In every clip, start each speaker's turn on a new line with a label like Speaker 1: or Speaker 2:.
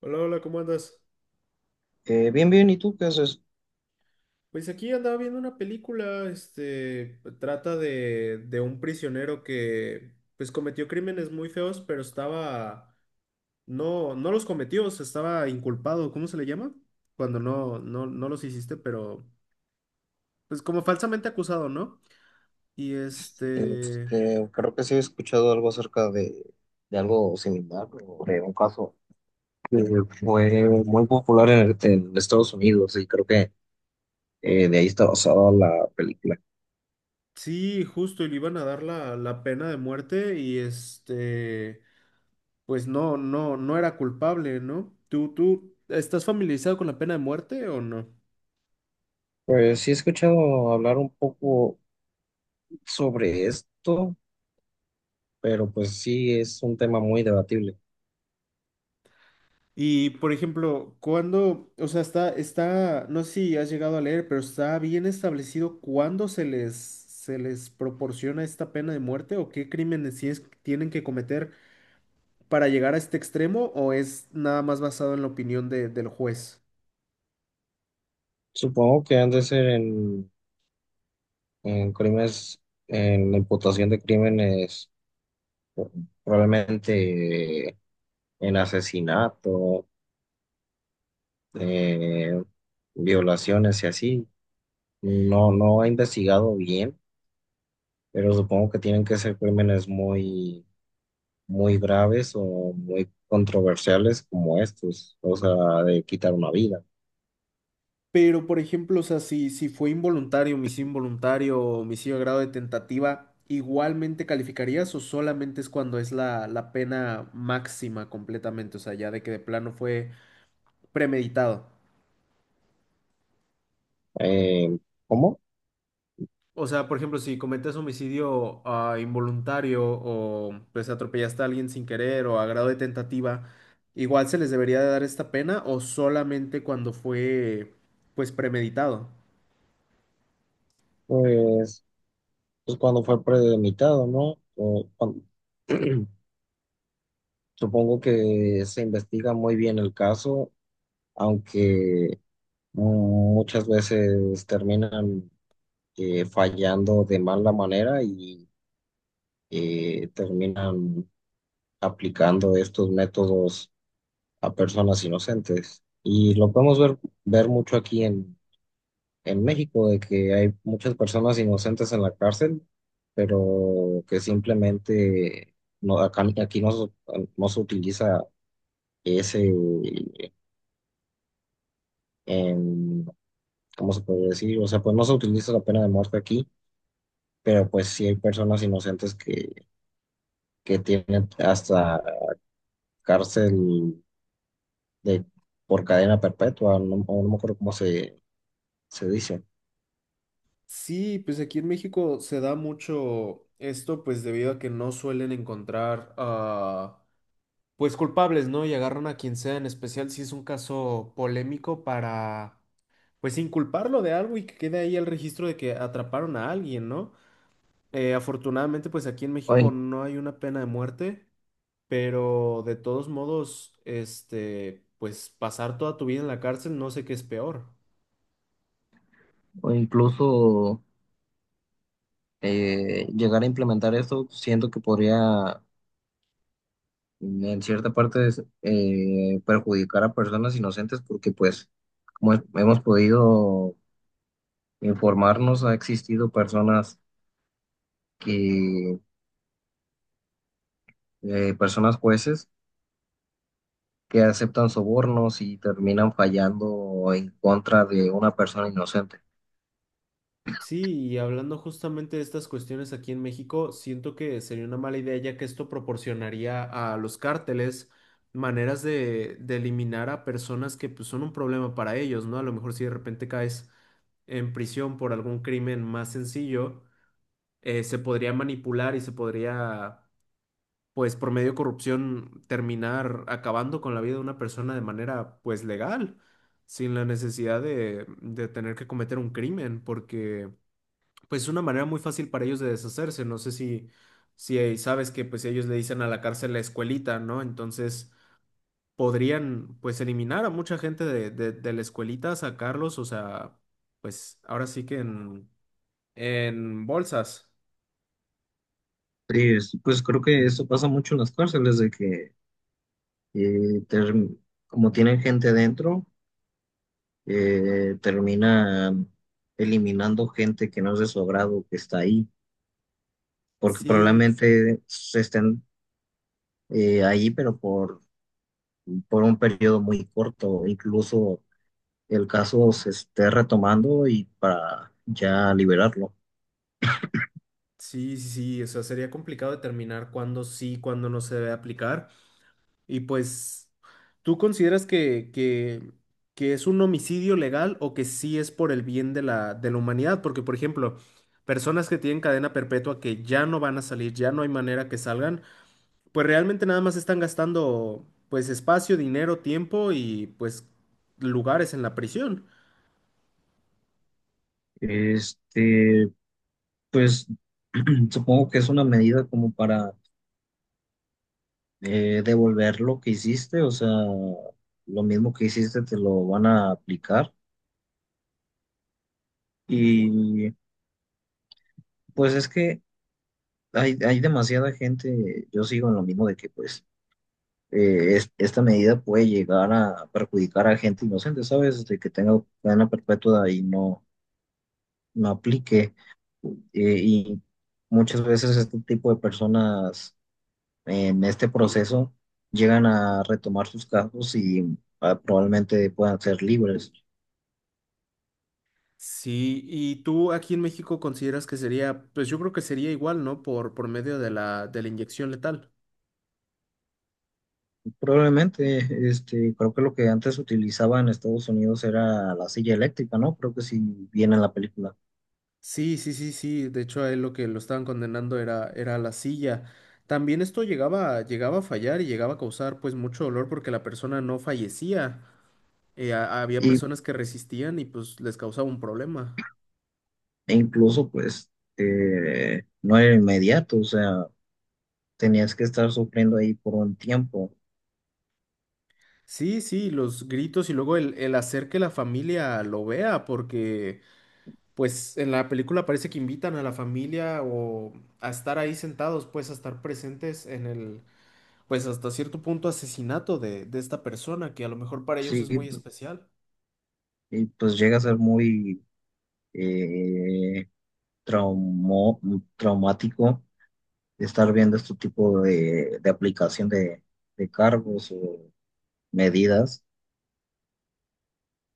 Speaker 1: Hola, hola, ¿cómo andas?
Speaker 2: Bien, bien, ¿y tú qué haces?
Speaker 1: Pues aquí andaba viendo una película, este, trata de un prisionero que, pues, cometió crímenes muy feos, pero estaba, no, no los cometió, se estaba inculpado, ¿cómo se le llama? Cuando no, no, no los hiciste, pero, pues, como falsamente acusado, ¿no? Y este,
Speaker 2: Este, creo que sí he escuchado algo acerca de algo similar, o de un caso que fue muy popular en Estados Unidos y creo que de ahí está basada la película.
Speaker 1: sí, justo, y le iban a dar la pena de muerte y este, pues, no, no, no era culpable, ¿no? ¿Tú estás familiarizado con la pena de muerte o no?
Speaker 2: Pues sí he escuchado hablar un poco sobre esto, pero pues sí es un tema muy debatible.
Speaker 1: Y por ejemplo, cuando, o sea, está, no sé si has llegado a leer, pero está bien establecido cuándo se les proporciona esta pena de muerte o qué crímenes tienen que cometer para llegar a este extremo o es nada más basado en la opinión del juez.
Speaker 2: Supongo que han de ser en crímenes, en la imputación de crímenes, probablemente en asesinato, eh, violaciones y así. No, no he investigado bien, pero supongo que tienen que ser crímenes muy, muy graves o muy controversiales como estos, o sea, de quitar una vida.
Speaker 1: Pero por ejemplo, o sea, si fue involuntario, homicidio a grado de tentativa, ¿igualmente calificarías o solamente es cuando es la pena máxima completamente? O sea, ya de que de plano fue premeditado.
Speaker 2: Eh, ¿Cómo?
Speaker 1: O sea, por ejemplo, si cometes homicidio involuntario o pues atropellaste a alguien sin querer o a grado de tentativa, igual se les debería de dar esta pena o solamente cuando fue pues premeditado.
Speaker 2: Pues, pues cuando fue premeditado, ¿no? O cuando- supongo que se investiga muy bien el caso, aunque muchas veces terminan fallando de mala manera y terminan aplicando estos métodos a personas inocentes. Y lo podemos ver, ver mucho aquí en México, de que hay muchas personas inocentes en la cárcel, pero que simplemente no, aquí no, no se utiliza ese, em, ¿cómo se puede decir? O sea, pues no se utiliza la pena de muerte aquí. Pero pues sí hay personas inocentes que tienen hasta cárcel de, por cadena perpetua, no, o no me acuerdo cómo se, se dice.
Speaker 1: Sí, pues aquí en México se da mucho esto pues debido a que no suelen encontrar pues culpables, ¿no? Y agarran a quien sea, en especial si es un caso polémico para pues inculparlo de algo y que quede ahí el registro de que atraparon a alguien, ¿no? Afortunadamente, pues aquí en
Speaker 2: O,
Speaker 1: México
Speaker 2: in-
Speaker 1: no hay una pena de muerte, pero de todos modos, este, pues pasar toda tu vida en la cárcel no sé qué es peor.
Speaker 2: o incluso llegar a implementar esto, siento que podría en cierta parte perjudicar a personas inocentes porque pues como hemos podido informarnos, ha existido personas que, personas jueces que aceptan sobornos y terminan fallando en contra de una persona inocente.
Speaker 1: Sí, y hablando justamente de estas cuestiones aquí en México, siento que sería una mala idea ya que esto proporcionaría a los cárteles maneras de eliminar a personas que pues, son un problema para ellos, ¿no? A lo mejor si de repente caes en prisión por algún crimen más sencillo, se podría manipular y se podría pues por medio de corrupción terminar acabando con la vida de una persona de manera pues legal, sin la necesidad de tener que cometer un crimen, porque pues es una manera muy fácil para ellos de deshacerse. No sé si, si ahí sabes que pues ellos le dicen a la cárcel la escuelita, ¿no? Entonces podrían pues eliminar a mucha gente de la escuelita, sacarlos, o sea, pues ahora sí que en bolsas.
Speaker 2: Sí, pues creo que eso pasa mucho en las cárceles, de que eh, term- como tienen gente adentro, terminan eliminando gente que no es de su agrado, que está ahí, porque
Speaker 1: Sí.
Speaker 2: probablemente se estén ahí, pero por un periodo muy corto, incluso el caso se esté retomando y para ya liberarlo.
Speaker 1: Sí, sí, sí, o sea, sería complicado determinar cuándo sí, cuándo no se debe aplicar. Y pues, ¿tú consideras que es un homicidio legal o que sí es por el bien de la humanidad? Porque, por ejemplo, personas que tienen cadena perpetua que ya no van a salir, ya no hay manera que salgan, pues realmente nada más están gastando, pues, espacio, dinero, tiempo y, pues, lugares en la prisión.
Speaker 2: Este, pues supongo que es una medida como para devolver lo que hiciste, o sea, lo mismo que hiciste te lo van a aplicar. Y pues es que hay demasiada gente, yo sigo en lo mismo de que pues esta medida puede llegar a perjudicar a gente inocente, ¿sabes? De que tenga cadena perpetua y no, no aplique. Y muchas veces este tipo de personas en este proceso llegan a retomar sus casos y probablemente puedan ser libres.
Speaker 1: Sí, y tú aquí en México consideras que sería, pues yo creo que sería igual, ¿no? Por medio de la inyección letal.
Speaker 2: Probablemente, este, creo que lo que antes utilizaba en Estados Unidos era la silla eléctrica, ¿no? Creo que sí viene en la película.
Speaker 1: Sí, sí, sí, sí. De hecho, a él lo que lo estaban condenando era, era la silla. También esto llegaba, llegaba a fallar y llegaba a causar pues mucho dolor porque la persona no fallecía. Había
Speaker 2: Y,
Speaker 1: personas que resistían y pues les causaba un problema.
Speaker 2: e incluso, pues, no era inmediato, o sea, tenías que estar sufriendo ahí por un tiempo.
Speaker 1: Sí, sí, los gritos y luego el hacer que la familia lo vea, porque pues en la película parece que invitan a la familia o a estar ahí sentados, pues a estar presentes en el, pues hasta cierto punto asesinato de esta persona, que a lo mejor para ellos
Speaker 2: Sí,
Speaker 1: es muy especial.
Speaker 2: y pues llega a ser muy eh, traumo- traumático estar viendo este tipo de aplicación de cargos o medidas.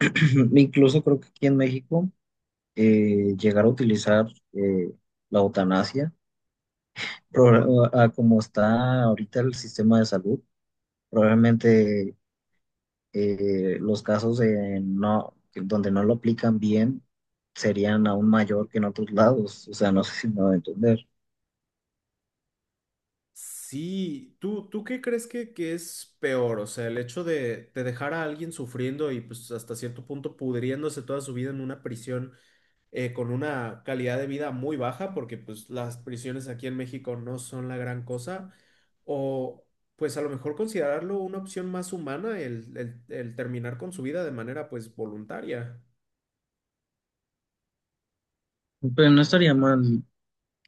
Speaker 2: Incluso creo que aquí en México llegar a utilizar eh, la eutanasia, a como está ahorita el sistema de salud, probablemente los casos de no, donde no lo aplican bien serían aún mayor que en otros lados, o sea, no sé si me va a entender.
Speaker 1: Sí, ¿tú qué crees que es peor? O sea, el hecho de dejar a alguien sufriendo y pues hasta cierto punto pudriéndose toda su vida en una prisión con una calidad de vida muy baja, porque pues las prisiones aquí en México no son la gran cosa, o pues a lo mejor considerarlo una opción más humana el, el terminar con su vida de manera pues voluntaria.
Speaker 2: Pero no estaría mal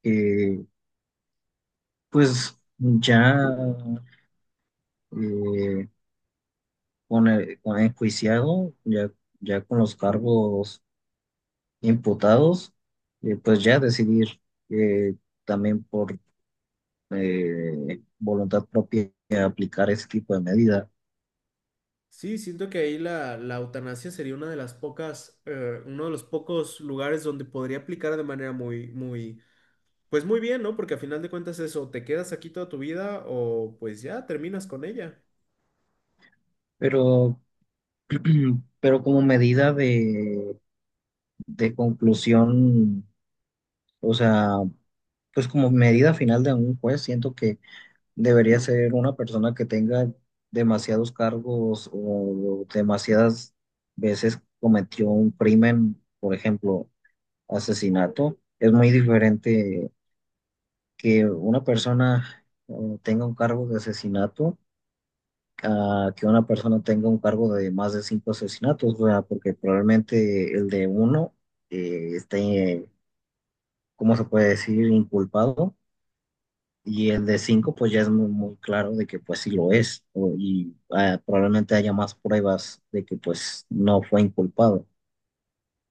Speaker 2: que, pues, ya eh, con con enjuiciado, ya, ya con los cargos imputados, pues ya decidir eh, también por voluntad propia aplicar ese tipo de medida.
Speaker 1: Sí, siento que ahí la eutanasia sería una de las pocas, uno de los pocos lugares donde podría aplicar de manera muy, muy, pues muy bien, ¿no? Porque a final de cuentas eso, te quedas aquí toda tu vida o pues ya terminas con ella.
Speaker 2: Pero, pero como medida de conclusión, o sea, pues como medida final de un juez, siento que debería ser una persona que tenga demasiados cargos o demasiadas veces cometió un crimen, por ejemplo, asesinato. Es muy diferente que una persona tenga un cargo de asesinato a que una persona tenga un cargo de más de cinco asesinatos, o sea, porque probablemente el de uno esté, ¿cómo se puede decir?, inculpado, y el de cinco, pues ya es muy, muy claro de que pues sí lo es, y probablemente haya más pruebas de que pues no fue inculpado.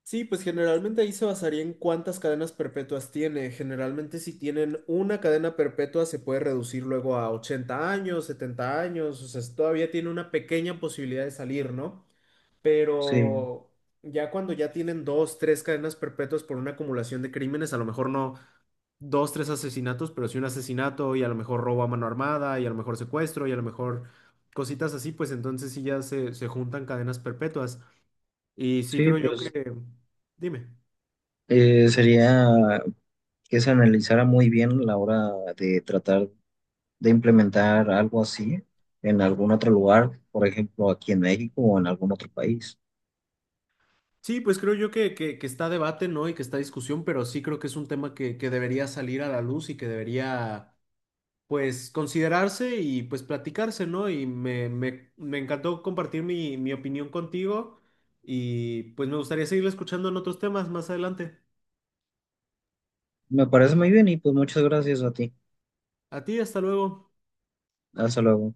Speaker 1: Sí, pues generalmente ahí se basaría en cuántas cadenas perpetuas tiene. Generalmente si tienen una cadena perpetua se puede reducir luego a 80 años, 70 años, o sea, todavía tiene una pequeña posibilidad de salir, ¿no?
Speaker 2: Sí,
Speaker 1: Pero ya cuando ya tienen dos, tres cadenas perpetuas por una acumulación de crímenes, a lo mejor no dos, tres asesinatos, pero sí un asesinato y a lo mejor robo a mano armada y a lo mejor secuestro y a lo mejor cositas así, pues entonces sí ya se juntan cadenas perpetuas. Y sí
Speaker 2: sí,
Speaker 1: creo yo que...
Speaker 2: pues
Speaker 1: Dime.
Speaker 2: sería que se analizara muy bien a la hora de tratar de implementar algo así en algún otro lugar, por ejemplo, aquí en México o en algún otro país.
Speaker 1: Sí, pues creo yo que está a debate, ¿no? Y que está a discusión, pero sí creo que es un tema que debería salir a la luz y que debería, pues, considerarse y, pues, platicarse, ¿no? Y me encantó compartir mi opinión contigo y, pues, me gustaría seguir escuchando en otros temas más adelante.
Speaker 2: Me parece muy bien y pues muchas gracias a ti.
Speaker 1: A ti, hasta luego.
Speaker 2: Hasta luego.